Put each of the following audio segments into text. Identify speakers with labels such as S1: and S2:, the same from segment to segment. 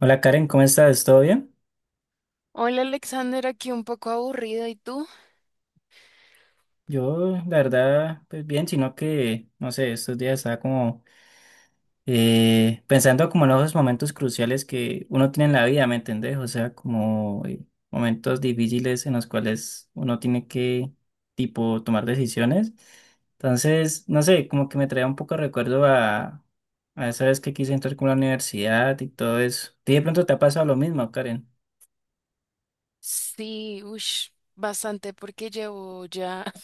S1: Hola Karen, ¿cómo estás? ¿Todo bien?
S2: Hola Alexander, aquí un poco aburrido. ¿Y tú?
S1: Yo, la verdad, pues bien, sino que, no sé, estos días estaba como pensando como en los momentos cruciales que uno tiene en la vida, ¿me entendés? O sea, como momentos difíciles en los cuales uno tiene que, tipo, tomar decisiones. Entonces, no sé, como que me trae un poco de recuerdo a esa vez que quise entrar con la universidad y todo eso. ¿Y de pronto te ha pasado lo mismo, Karen?
S2: Sí, ush, bastante porque llevo ya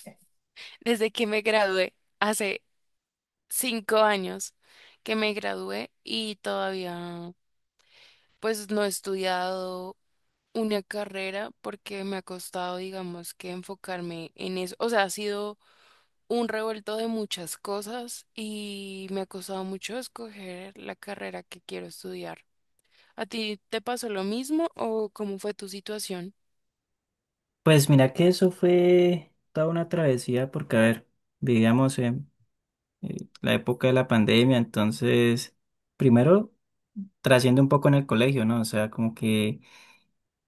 S2: desde que me gradué, hace 5 años que me gradué y todavía pues no he estudiado una carrera porque me ha costado, digamos, que enfocarme en eso. O sea, ha sido un revuelto de muchas cosas y me ha costado mucho escoger la carrera que quiero estudiar. ¿A ti te pasó lo mismo o cómo fue tu situación?
S1: Pues mira que eso fue toda una travesía porque, a ver, vivíamos en la época de la pandemia, entonces, primero, trasciende un poco en el colegio, ¿no? O sea, como que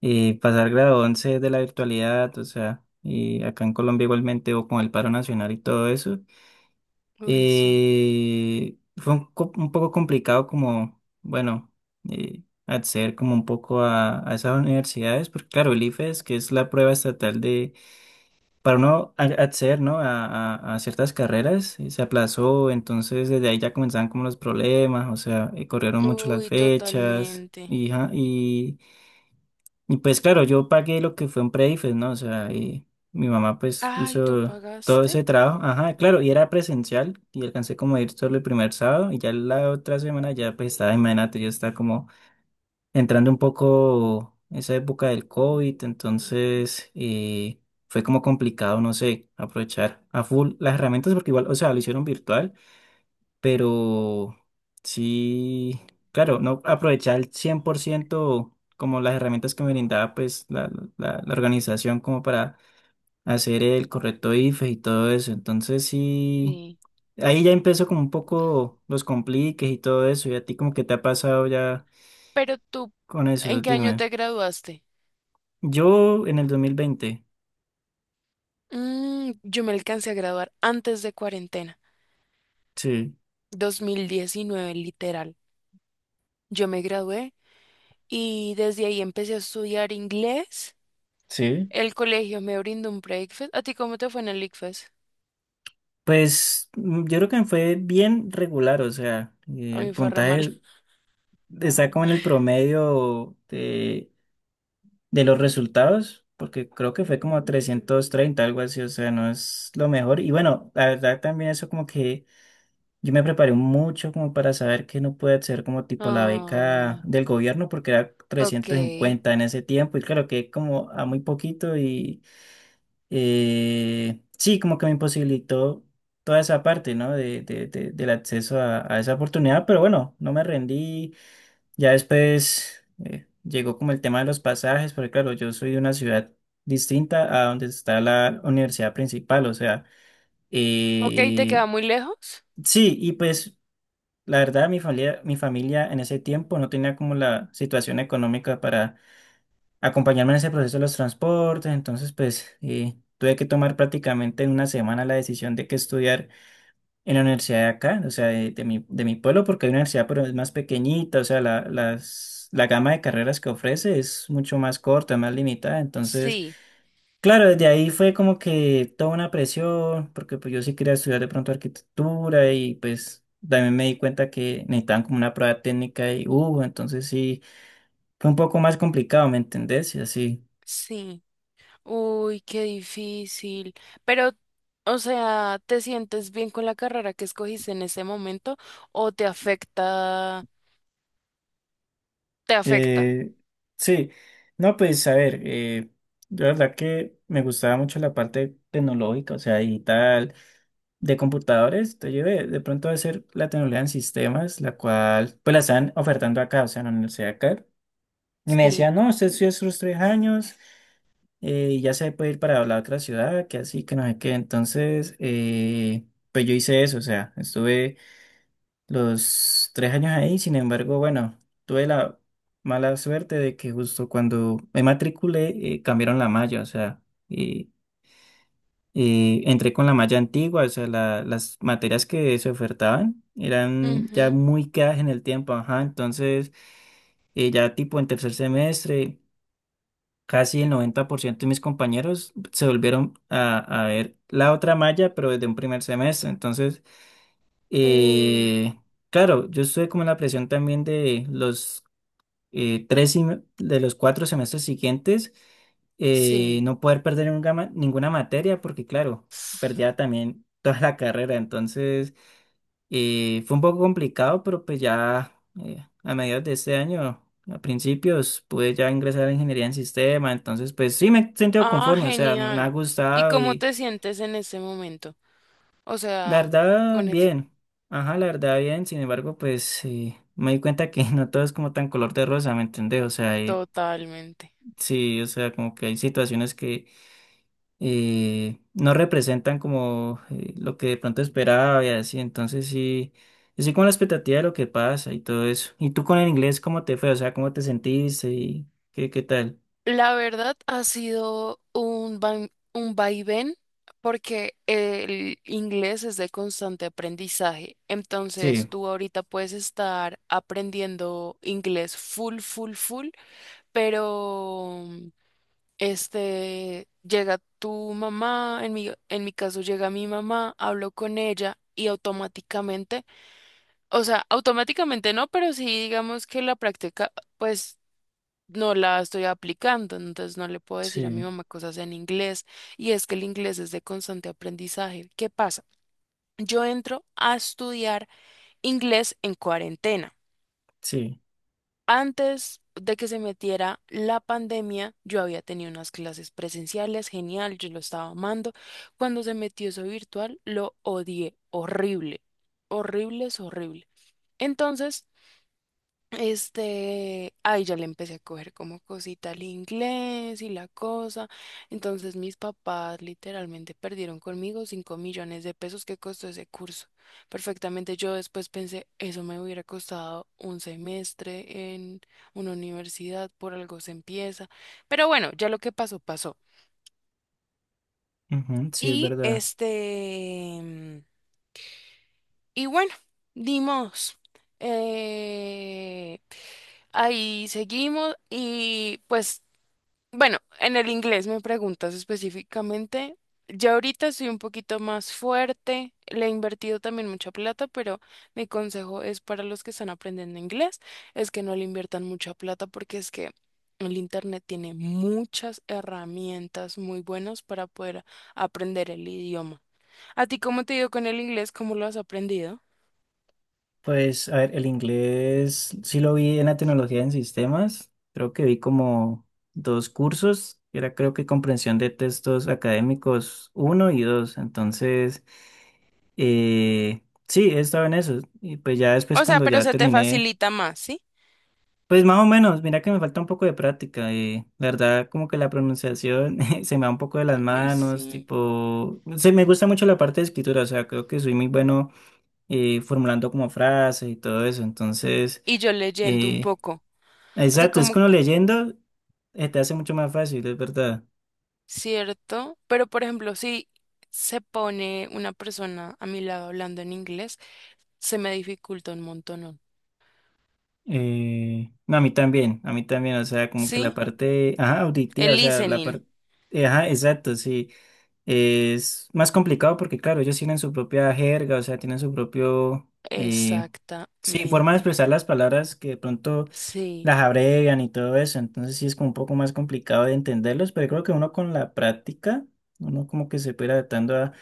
S1: pasar grado 11 de la virtualidad, o sea, y acá en Colombia igualmente, o con el paro nacional y todo eso,
S2: Uy, sí.
S1: fue un, un poco complicado como, bueno, eh, acceder como un poco a esas universidades, porque claro, el IFES, que es la prueba estatal de para no acceder, ¿no? a, a ciertas carreras, y se aplazó, entonces desde ahí ya comenzaban como los problemas, o sea, corrieron mucho las
S2: Uy,
S1: fechas,
S2: totalmente.
S1: y pues claro, yo pagué lo que fue un pre-IFES, ¿no? O sea, y mi mamá pues
S2: Ay, ¿tú
S1: hizo todo
S2: pagaste?
S1: ese trabajo, ajá, claro, y era presencial, y alcancé como a ir solo el primer sábado, y ya la otra semana ya pues estaba, imagínate, yo estaba como entrando un poco esa época del COVID, entonces fue como complicado, no sé, aprovechar a full las herramientas porque igual, o sea, lo hicieron virtual, pero sí, claro, no aprovechar al 100% como las herramientas que me brindaba pues la organización como para hacer el correcto IFE y todo eso, entonces sí.
S2: Sí.
S1: Ahí ya empezó como un poco los compliques y todo eso, y a ti como que te ha pasado ya
S2: Pero tú,
S1: con eso,
S2: ¿en qué año
S1: dime.
S2: te graduaste?
S1: Yo en el 2020.
S2: Yo me alcancé a graduar antes de cuarentena,
S1: Sí.
S2: 2019 literal. Yo me gradué y desde ahí empecé a estudiar inglés.
S1: Sí.
S2: El colegio me brindó un breakfast. ¿A ti cómo te fue en el ICFES?
S1: Pues mm, yo creo que me fue bien regular, o sea,
S2: A
S1: el
S2: mí fue re mal.
S1: puntaje está como en el promedio de los resultados, porque creo que fue como 330 algo así, o sea, no es lo mejor. Y bueno, la verdad también eso como que yo me preparé mucho como para saber que no puede ser como tipo la beca
S2: Ay,
S1: del gobierno, porque era
S2: ok.
S1: 350 en ese tiempo, y claro que como a muy poquito y sí, como que me imposibilitó toda esa parte, ¿no? Del acceso a esa oportunidad, pero bueno, no me rendí. Ya después llegó como el tema de los pasajes, porque claro, yo soy de una ciudad distinta a donde está la universidad principal, o sea,
S2: Ok, ¿te
S1: eh,
S2: queda muy lejos?
S1: sí, y pues la verdad mi familia en ese tiempo no tenía como la situación económica para acompañarme en ese proceso de los transportes, entonces pues tuve que tomar prácticamente en una semana la decisión de que estudiar en la universidad de acá, o sea, de mi pueblo, porque hay una universidad pero es más pequeñita, o sea, la gama de carreras que ofrece es mucho más corta, más limitada, entonces,
S2: Sí,
S1: claro, desde ahí fue como que toda una presión, porque pues yo sí quería estudiar de pronto arquitectura y pues... También me di cuenta que necesitaban como una prueba técnica y hubo, entonces sí, fue un poco más complicado, ¿me entendés? Y así.
S2: sí. Uy, qué difícil. Pero, o sea, ¿te sientes bien con la carrera que escogiste en ese momento o te afecta? Te afecta.
S1: Eh, sí, no, pues a ver, yo la verdad que me gustaba mucho la parte tecnológica, o sea, digital, de computadores, te llevé de pronto a hacer la tecnología en sistemas, la cual pues la están ofertando acá, o sea, en la universidad acá, y me
S2: Sí.
S1: decían, no, usted estudia sus 3 años y ya se puede ir para la otra ciudad, que así, que no sé qué, entonces, pues yo hice eso, o sea, estuve los 3 años ahí. Sin embargo, bueno, tuve la mala suerte de que justo cuando me matriculé cambiaron la malla, o sea, y, y entré con la malla antigua, o sea, las materias que se ofertaban eran ya
S2: Ujú.
S1: muy quedadas en el tiempo, ajá, entonces ya tipo en tercer semestre, casi el 90% de mis compañeros se volvieron a ver la otra malla, pero desde un primer semestre. Entonces,
S2: Uy,
S1: eh, claro, yo estuve como en la presión también de los 4 semestres siguientes,
S2: sí.
S1: no poder perder nunca ninguna materia, porque claro, perdía también toda la carrera, entonces fue un poco complicado, pero pues ya a mediados de este año, a principios, pude ya ingresar a ingeniería en sistema, entonces pues sí me he sentido
S2: Ah,
S1: conforme, o sea, me ha
S2: genial. ¿Y
S1: gustado.
S2: cómo te sientes en ese momento? O
S1: La
S2: sea,
S1: verdad,
S2: con eso.
S1: bien. Ajá, la verdad, bien. Sin embargo, pues me di cuenta que no todo es como tan color de rosa, ¿me entendés? O sea,
S2: Totalmente.
S1: sí, o sea, como que hay situaciones que no representan como lo que de pronto esperaba y así. Entonces, sí, yo sí con la expectativa de lo que pasa y todo eso. ¿Y tú con el inglés, cómo te fue? O sea, ¿cómo te sentiste y qué tal?
S2: La verdad ha sido un vaivén porque el inglés es de constante aprendizaje.
S1: Sí,
S2: Entonces tú ahorita puedes estar aprendiendo inglés full, full, full, pero llega tu mamá, en mi caso llega mi mamá, hablo con ella y automáticamente, o sea, automáticamente no, pero sí digamos que la práctica pues no la estoy aplicando, entonces no le puedo decir a mi
S1: sí,
S2: mamá cosas en inglés. Y es que el inglés es de constante aprendizaje. ¿Qué pasa? Yo entro a estudiar inglés en cuarentena.
S1: sí.
S2: Antes de que se metiera la pandemia, yo había tenido unas clases presenciales, genial, yo lo estaba amando. Cuando se metió eso virtual, lo odié, horrible, horrible es horrible. Entonces, ahí ya le empecé a coger como cosita al inglés y la cosa. Entonces mis papás literalmente perdieron conmigo 5 millones de pesos que costó ese curso. Perfectamente yo después pensé, eso me hubiera costado un semestre en una universidad, por algo se empieza. Pero bueno, ya lo que pasó, pasó.
S1: Ujú, sí, es
S2: Y
S1: verdad.
S2: este, mm, y bueno, dimos. Eh, Ahí seguimos y pues, bueno, en el inglés me preguntas específicamente. Ya ahorita soy un poquito más fuerte, le he invertido también mucha plata, pero mi consejo es para los que están aprendiendo inglés, es que no le inviertan mucha plata porque es que el internet tiene muchas herramientas muy buenas para poder aprender el idioma. ¿A ti cómo te ha ido con el inglés? ¿Cómo lo has aprendido?
S1: Pues, a ver, el inglés sí lo vi en la tecnología en sistemas. Creo que vi como dos cursos. Era creo que comprensión de textos académicos uno y dos. Entonces, eh, sí, he estado en eso. Y pues ya después
S2: O sea,
S1: cuando
S2: pero
S1: ya
S2: se te
S1: terminé,
S2: facilita más, ¿sí?
S1: pues más o menos, mira que me falta un poco de práctica. La verdad, como que la pronunciación se me va un poco de las
S2: Ay,
S1: manos,
S2: sí.
S1: tipo, se me gusta mucho la parte de escritura, o sea, creo que soy muy bueno formulando como frases y todo eso. Entonces,
S2: Y yo leyendo un
S1: eh,
S2: poco. O sea,
S1: exacto, es
S2: como
S1: que uno leyendo te hace mucho más fácil, es verdad.
S2: cierto, pero por ejemplo, si se pone una persona a mi lado hablando en inglés, se me dificulta un montón.
S1: No, a mí también, o sea, como que la
S2: ¿Sí?
S1: parte, ajá, auditiva, o
S2: El
S1: sea, la
S2: listening.
S1: parte, ajá, exacto, sí. Es más complicado porque, claro, ellos tienen su propia jerga, o sea, tienen su propio, eh, sí, forma de
S2: Exactamente.
S1: expresar las palabras que de pronto
S2: Sí,
S1: las abrevian y todo eso, entonces sí es como un poco más complicado de entenderlos, pero creo que uno con la práctica, uno como que se puede ir adaptando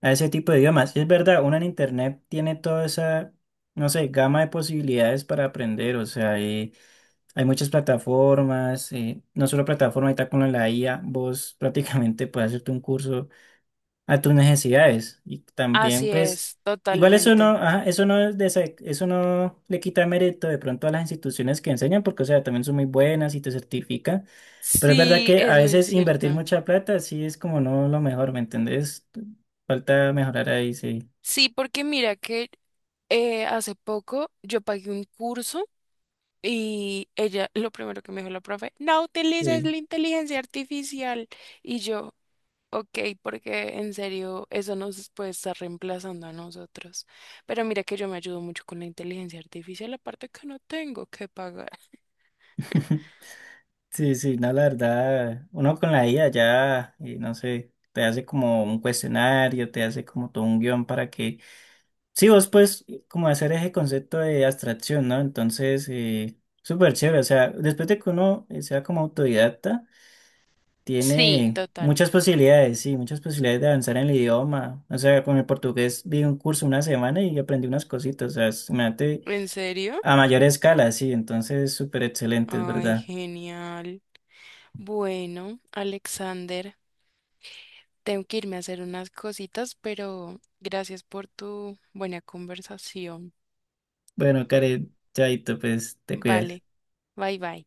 S1: a ese tipo de idiomas. Y es verdad, uno en internet tiene toda esa, no sé, gama de posibilidades para aprender, o sea, hay muchas plataformas, no solo plataformas, ahorita con la IA, vos prácticamente puedes hacerte un curso a tus necesidades. Y también,
S2: así
S1: pues,
S2: es,
S1: igual eso no,
S2: totalmente.
S1: ajá, eso no es eso no le quita mérito de pronto a las instituciones que enseñan, porque, o sea, también son muy buenas y te certifican. Pero es verdad
S2: Sí,
S1: que a
S2: es muy
S1: veces invertir
S2: cierto.
S1: mucha plata sí es como no lo mejor, ¿me entendés? Falta mejorar ahí, sí.
S2: Sí, porque mira que hace poco yo pagué un curso y ella, lo primero que me dijo la profe, no utilices
S1: Sí,
S2: la inteligencia artificial. Y yo, ok, porque en serio eso nos puede estar reemplazando a nosotros. Pero mira que yo me ayudo mucho con la inteligencia artificial, aparte que no tengo que pagar.
S1: sí, sí, no, la verdad, uno con la IA ya, no sé, te hace como un cuestionario, te hace como todo un guión para que. Sí, vos puedes como hacer ese concepto de abstracción, ¿no? Entonces, súper chévere. O sea, después de que uno sea como autodidacta,
S2: Sí,
S1: tiene
S2: total.
S1: muchas posibilidades, sí, muchas posibilidades de avanzar en el idioma. O sea, con el portugués vi un curso una semana y aprendí unas cositas. O sea, imagínate
S2: ¿En serio?
S1: a mayor escala, sí. Entonces, súper excelente, es
S2: Ay,
S1: verdad.
S2: genial. Bueno, Alexander, tengo que irme a hacer unas cositas, pero gracias por tu buena conversación.
S1: Bueno, Karen, chaito, pues te cuidas.
S2: Vale, bye bye.